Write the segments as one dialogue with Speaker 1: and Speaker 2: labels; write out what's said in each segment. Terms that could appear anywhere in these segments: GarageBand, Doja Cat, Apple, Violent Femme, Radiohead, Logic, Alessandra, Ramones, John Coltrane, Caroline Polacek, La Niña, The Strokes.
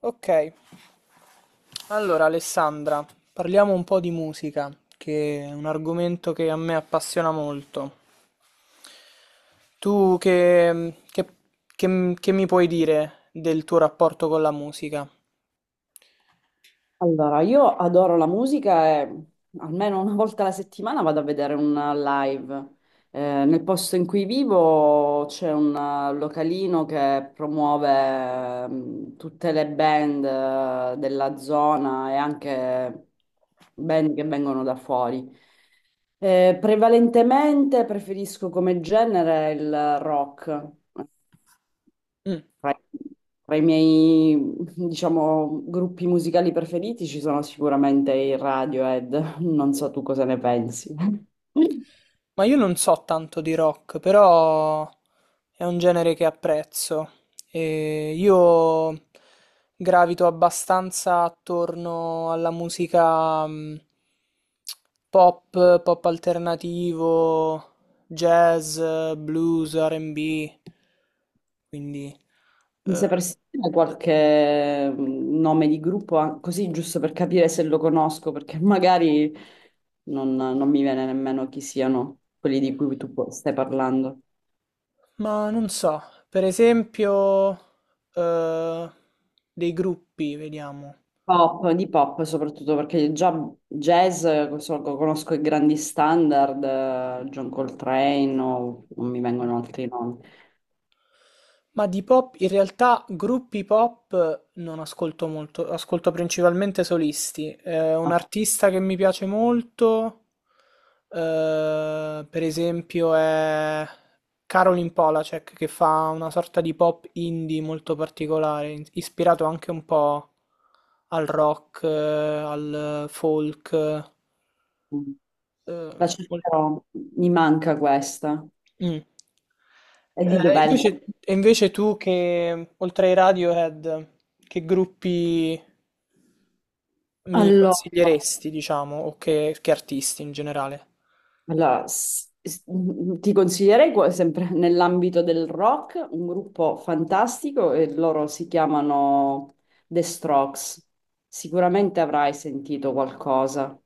Speaker 1: Ok, allora Alessandra, parliamo un po' di musica, che è un argomento che a me appassiona molto. Tu che mi puoi dire del tuo rapporto con la musica?
Speaker 2: Allora, io adoro la musica e almeno una volta alla settimana vado a vedere un live. Nel posto in cui vivo c'è un localino che promuove tutte le band della zona e anche band che vengono da fuori. Prevalentemente preferisco come genere il rock.
Speaker 1: Mm.
Speaker 2: Tra tra i miei, diciamo, gruppi musicali preferiti ci sono sicuramente i Radiohead, non so tu cosa ne pensi.
Speaker 1: Ma io non so tanto di rock, però è un genere che apprezzo. E io gravito abbastanza attorno alla musica pop, pop alternativo, jazz, blues, R&B, quindi...
Speaker 2: Mi
Speaker 1: eh,
Speaker 2: sapresti dire qualche nome di gruppo, ah, così giusto per capire se lo conosco, perché magari non mi viene nemmeno chi siano quelli di cui stai parlando.
Speaker 1: ma non so, per esempio, eh, dei gruppi, vediamo.
Speaker 2: Pop, di pop soprattutto perché già jazz, conosco i grandi standard, John Coltrane o non mi vengono altri nomi.
Speaker 1: Ma di pop, in realtà gruppi pop non ascolto molto, ascolto principalmente solisti. Un
Speaker 2: Ma,
Speaker 1: artista che mi piace molto, per esempio, è Caroline Polacek, che fa una sorta di pop indie molto particolare, ispirato anche un po' al rock, al folk,
Speaker 2: mm,
Speaker 1: eh,
Speaker 2: la
Speaker 1: mol-
Speaker 2: cercherò, mi manca questa.
Speaker 1: Mm.
Speaker 2: E
Speaker 1: Eh,
Speaker 2: di dov'è?
Speaker 1: Invece, invece tu che, oltre ai Radiohead, che gruppi mi
Speaker 2: Allora,
Speaker 1: consiglieresti, diciamo, o che artisti in generale?
Speaker 2: Allora, ti consiglierei sempre nell'ambito del rock un gruppo fantastico e loro si chiamano The Strokes. Sicuramente avrai sentito qualcosa.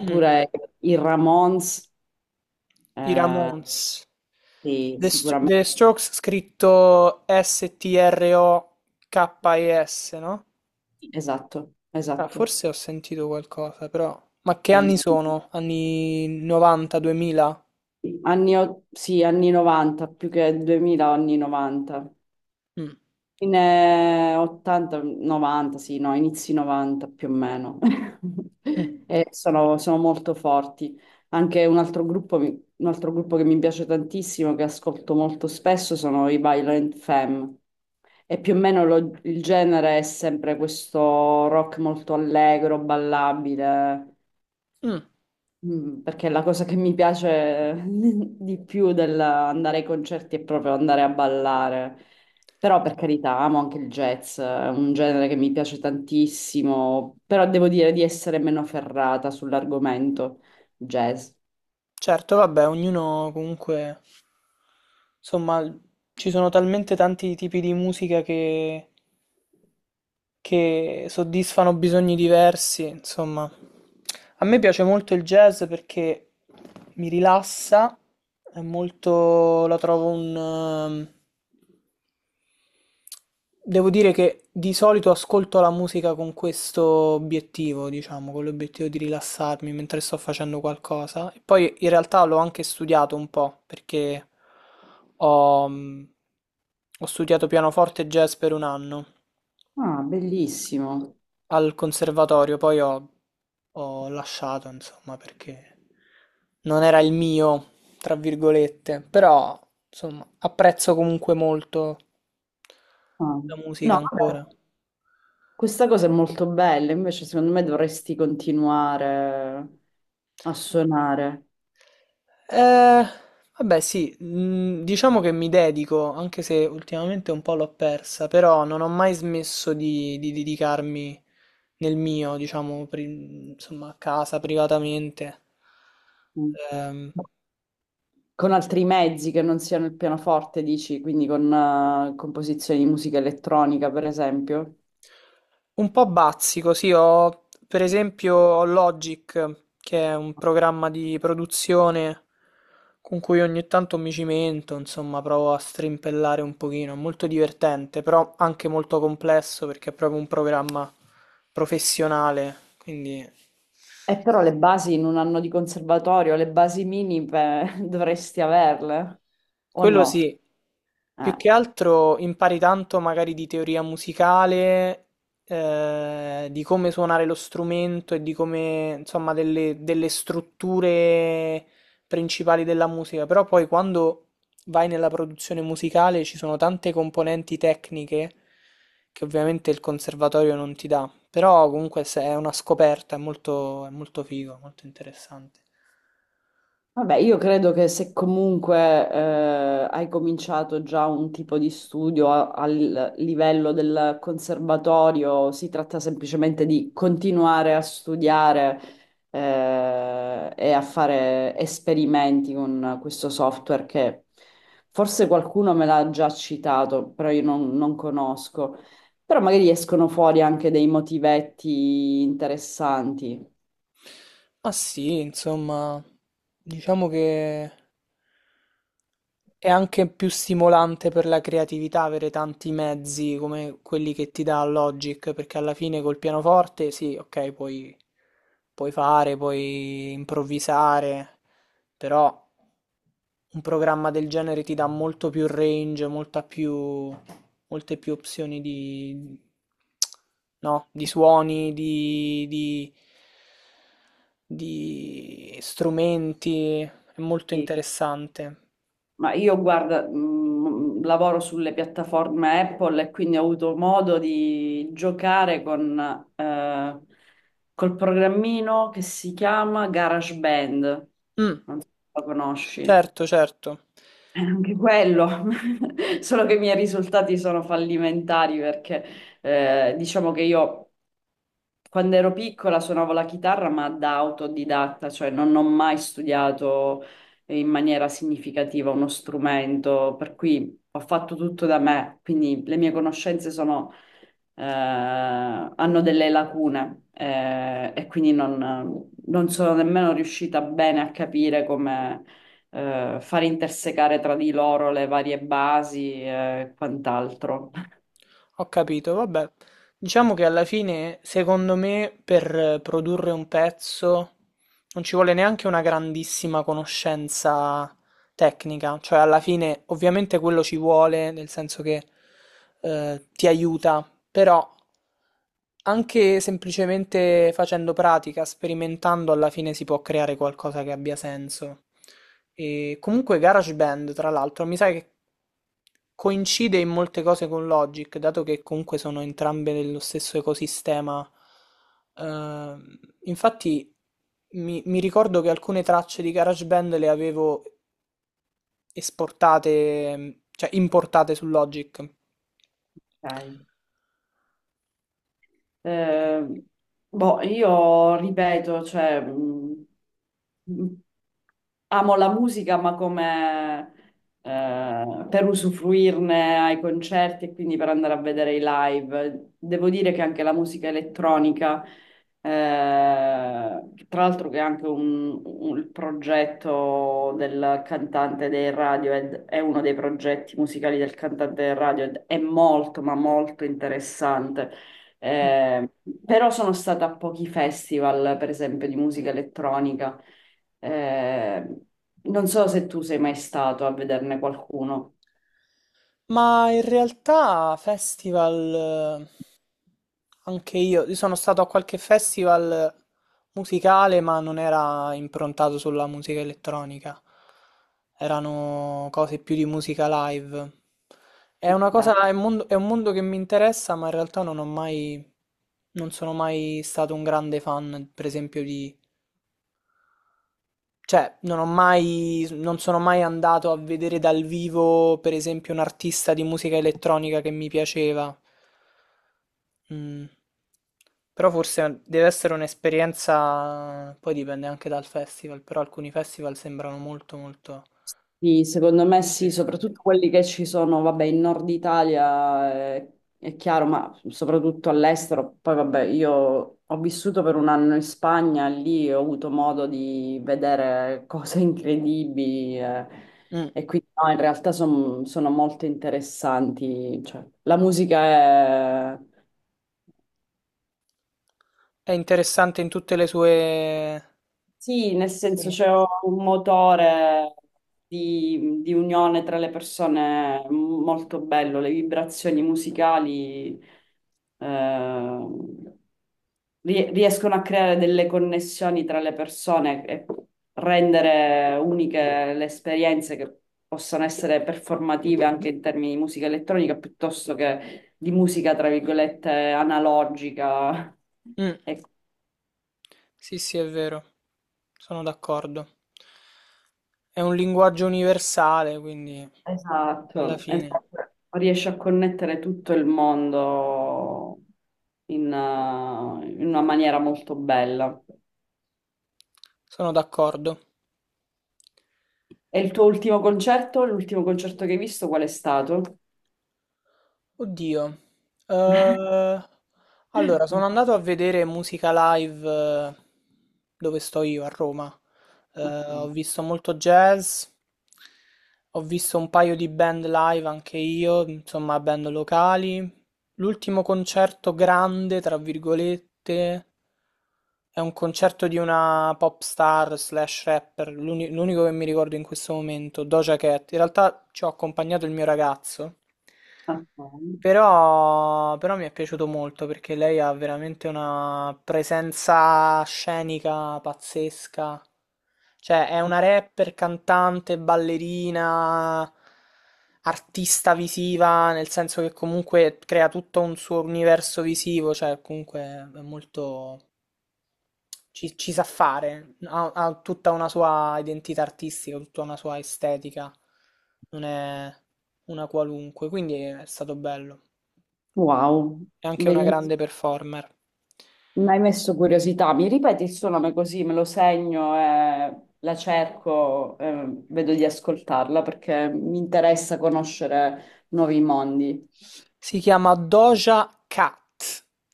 Speaker 1: Mm.
Speaker 2: i Ramones,
Speaker 1: I Ramones.
Speaker 2: sì,
Speaker 1: The
Speaker 2: sicuramente.
Speaker 1: Strokes scritto Strokes, no?
Speaker 2: Esatto,
Speaker 1: Ah,
Speaker 2: esatto.
Speaker 1: forse ho sentito qualcosa, però... Ma che
Speaker 2: Sì,
Speaker 1: anni
Speaker 2: sì.
Speaker 1: sono? Anni 90, 2000?
Speaker 2: Sì, anni 90, più che 2000, anni 90.
Speaker 1: Mm.
Speaker 2: In 80, 90, sì, no, inizi 90 più o meno.
Speaker 1: Mm.
Speaker 2: Sono molto forti. Anche un altro un altro gruppo che mi piace tantissimo, che ascolto molto spesso, sono i Violent Femme. E più o meno il genere è sempre questo rock molto allegro, ballabile.
Speaker 1: Mm.
Speaker 2: Perché la cosa che mi piace di più dell'andare ai concerti è proprio andare a ballare. Però per carità, amo anche il jazz, è un genere che mi piace tantissimo, però devo dire di essere meno ferrata sull'argomento jazz.
Speaker 1: Certo, vabbè, ognuno comunque, insomma, ci sono talmente tanti tipi di musica che soddisfano bisogni diversi, insomma. A me piace molto il jazz perché mi rilassa, è molto, la trovo un, devo dire che di solito ascolto la musica con questo obiettivo, diciamo, con l'obiettivo di rilassarmi mentre sto facendo qualcosa. E poi in realtà l'ho anche studiato un po', perché ho, mh, ho studiato pianoforte e jazz per un anno
Speaker 2: Ah, bellissimo.
Speaker 1: al conservatorio, poi ho lasciato, insomma, perché non era il mio, tra virgolette, però, insomma, apprezzo comunque molto.
Speaker 2: Ah.
Speaker 1: La musica
Speaker 2: No, vabbè,
Speaker 1: ancora.
Speaker 2: questa cosa è molto bella, invece secondo me dovresti continuare a suonare.
Speaker 1: Eh, Vabbè, sì, diciamo che mi dedico, anche se ultimamente un po' l'ho persa, però non ho mai smesso di dedicarmi nel mio, diciamo, insomma, a casa, privatamente.
Speaker 2: Mm.
Speaker 1: Ehm,
Speaker 2: Con altri mezzi che non siano il pianoforte, dici, quindi con composizioni di musica elettronica, per esempio.
Speaker 1: Un po' bazzico, sì, ho per esempio ho Logic, che è un programma di produzione con cui ogni tanto mi cimento, insomma, provo a strimpellare un pochino, è molto divertente, però anche molto complesso perché è proprio un programma professionale, quindi
Speaker 2: E però le basi in un anno di conservatorio, le basi minime dovresti averle, o
Speaker 1: quello
Speaker 2: no?
Speaker 1: sì. Più
Speaker 2: Eh.
Speaker 1: che altro impari tanto magari di teoria musicale, di come suonare lo strumento e di come, insomma, delle strutture principali della musica, però poi quando vai nella produzione musicale ci sono tante componenti tecniche che ovviamente il conservatorio non ti dà, però comunque è una scoperta, è molto figo, molto interessante.
Speaker 2: Vabbè, io credo che se comunque hai cominciato già un tipo di studio al livello del conservatorio, si tratta semplicemente di continuare a studiare e a fare esperimenti con questo software che forse qualcuno me l'ha già citato, però io non conosco. Però magari escono fuori anche dei motivetti interessanti.
Speaker 1: Ma sì, insomma, diciamo che... È anche più stimolante per la creatività avere tanti mezzi come quelli che ti dà Logic, perché alla fine col pianoforte sì, ok, puoi fare, puoi improvvisare, però un programma del genere ti dà molto più range, molte più opzioni no, di suoni, di strumenti, è molto interessante.
Speaker 2: Ma io guarda, lavoro sulle piattaforme Apple e quindi ho avuto modo di giocare con, eh, col programmino che si chiama GarageBand.
Speaker 1: Mm.
Speaker 2: Non so se lo conosci.
Speaker 1: Certo, certo.
Speaker 2: Anche quello, solo che i miei risultati sono fallimentari perché diciamo che io quando ero piccola suonavo la chitarra, ma da autodidatta, cioè non ho mai studiato in maniera significativa uno strumento, per cui ho fatto tutto da me, quindi le mie conoscenze hanno delle lacune, e quindi non sono nemmeno riuscita bene a capire come, far intersecare tra di loro le varie basi e quant'altro.
Speaker 1: Mm. Ho capito, vabbè. Diciamo che alla fine, secondo me, per produrre un pezzo non ci vuole neanche una grandissima conoscenza tecnica, cioè alla fine ovviamente quello ci vuole, nel senso che ti aiuta, però anche semplicemente facendo pratica, sperimentando, alla fine si può creare qualcosa che abbia senso. E comunque GarageBand, tra l'altro, mi sa che coincide in molte cose con Logic, dato che comunque sono entrambe nello stesso ecosistema. Infatti mi ricordo che alcune tracce di GarageBand le avevo esportate, cioè importate su Logic.
Speaker 2: Ok.
Speaker 1: E-
Speaker 2: Eh, boh, io ripeto, cioè, mh, amo la musica, ma come per usufruirne ai concerti e quindi per andare a vedere i live. Devo dire che anche la musica elettronica, tra l'altro che è anche il progetto del cantante dei Radiohead, è uno dei progetti musicali del cantante dei Radiohead, è molto, ma molto interessante.
Speaker 1: mm,
Speaker 2: Eh, però sono stata a pochi festival, per esempio, di musica elettronica. Eh, non so se tu sei mai stato a vederne qualcuno.
Speaker 1: Ma in realtà festival, anche io sono stato a qualche festival musicale, ma non era improntato sulla musica elettronica, erano cose più di musica live.
Speaker 2: Eh,
Speaker 1: È un mondo che mi interessa, ma in realtà non ho mai, non sono mai stato un grande fan, per esempio, cioè, non ho mai, non sono mai andato a vedere dal vivo, per esempio, un artista di musica elettronica che mi piaceva. Mm. Però forse deve essere un'esperienza, poi dipende anche dal festival, però alcuni festival sembrano molto molto
Speaker 2: Sì, secondo me sì,
Speaker 1: interessanti.
Speaker 2: soprattutto quelli che ci sono, vabbè, in Nord Italia, è, chiaro, ma soprattutto all'estero. Poi, vabbè, io ho vissuto per un anno in Spagna, lì ho avuto modo di vedere cose incredibili,
Speaker 1: Mm.
Speaker 2: e quindi no, in realtà sono molto interessanti. Cioè, la musica è...
Speaker 1: È interessante in tutte le sue
Speaker 2: Sì, nel senso c'è
Speaker 1: sfumature.
Speaker 2: un motore di unione tra le persone molto bello, le vibrazioni musicali eh, riescono a creare delle connessioni tra le persone e rendere uniche le esperienze che possono essere performative anche in termini di musica elettronica piuttosto che di musica, tra virgolette, analogica. E...
Speaker 1: Sì, sì, è vero, sono d'accordo. È un linguaggio universale, quindi alla
Speaker 2: Esatto,
Speaker 1: fine
Speaker 2: esatto. Riesce a connettere tutto il mondo in una maniera molto bella.
Speaker 1: sono d'accordo.
Speaker 2: E il tuo ultimo concerto, l'ultimo concerto che hai visto, qual è stato?
Speaker 1: Oddio. Eh, allora, sono andato a vedere musica live dove sto io, a Roma. Ho visto molto jazz, ho visto un paio di band live anche io, insomma, band locali. L'ultimo concerto grande, tra virgolette, è un concerto di una pop star slash rapper, l'unico che mi ricordo in questo momento, Doja Cat. In realtà ci ho accompagnato il mio ragazzo. Però mi è piaciuto molto perché lei ha veramente una presenza scenica pazzesca. Cioè, è una rapper, cantante, ballerina, artista visiva, nel senso che comunque crea tutto un suo universo visivo, cioè comunque è molto... ci sa fare, ha tutta una sua identità artistica, tutta una sua estetica, non è una qualunque, quindi è stato bello.
Speaker 2: Wow,
Speaker 1: È anche una Mm. grande
Speaker 2: bellissimo.
Speaker 1: performer.
Speaker 2: Mi hai messo curiosità. Mi ripeti il suo nome così me lo segno e la cerco, vedo di ascoltarla perché mi interessa conoscere nuovi mondi.
Speaker 1: Si chiama Doja Cat,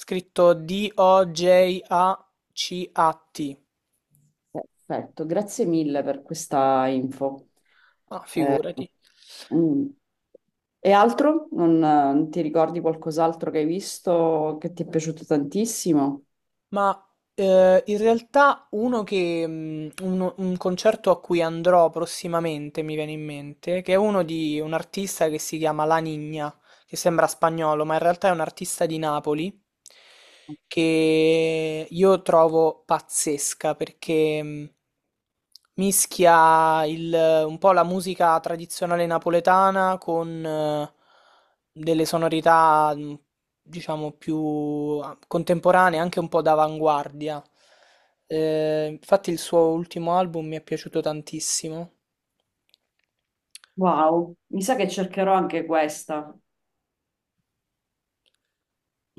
Speaker 1: scritto Dojacat.
Speaker 2: Perfetto, grazie mille per questa info.
Speaker 1: Ah,
Speaker 2: Eh,
Speaker 1: figurati.
Speaker 2: mm. E altro? Non ti ricordi qualcos'altro che hai visto che ti è piaciuto tantissimo?
Speaker 1: Ma in realtà uno che, concerto a cui andrò prossimamente mi viene in mente, che è uno di un artista che si chiama La Niña, che sembra spagnolo, ma in realtà è un artista di Napoli, che io trovo pazzesca perché mischia un po' la musica tradizionale napoletana con delle sonorità diciamo, più contemporanee, anche un po' d'avanguardia. Infatti il suo ultimo album mi è piaciuto tantissimo.
Speaker 2: Wow, mi sa che cercherò anche questa.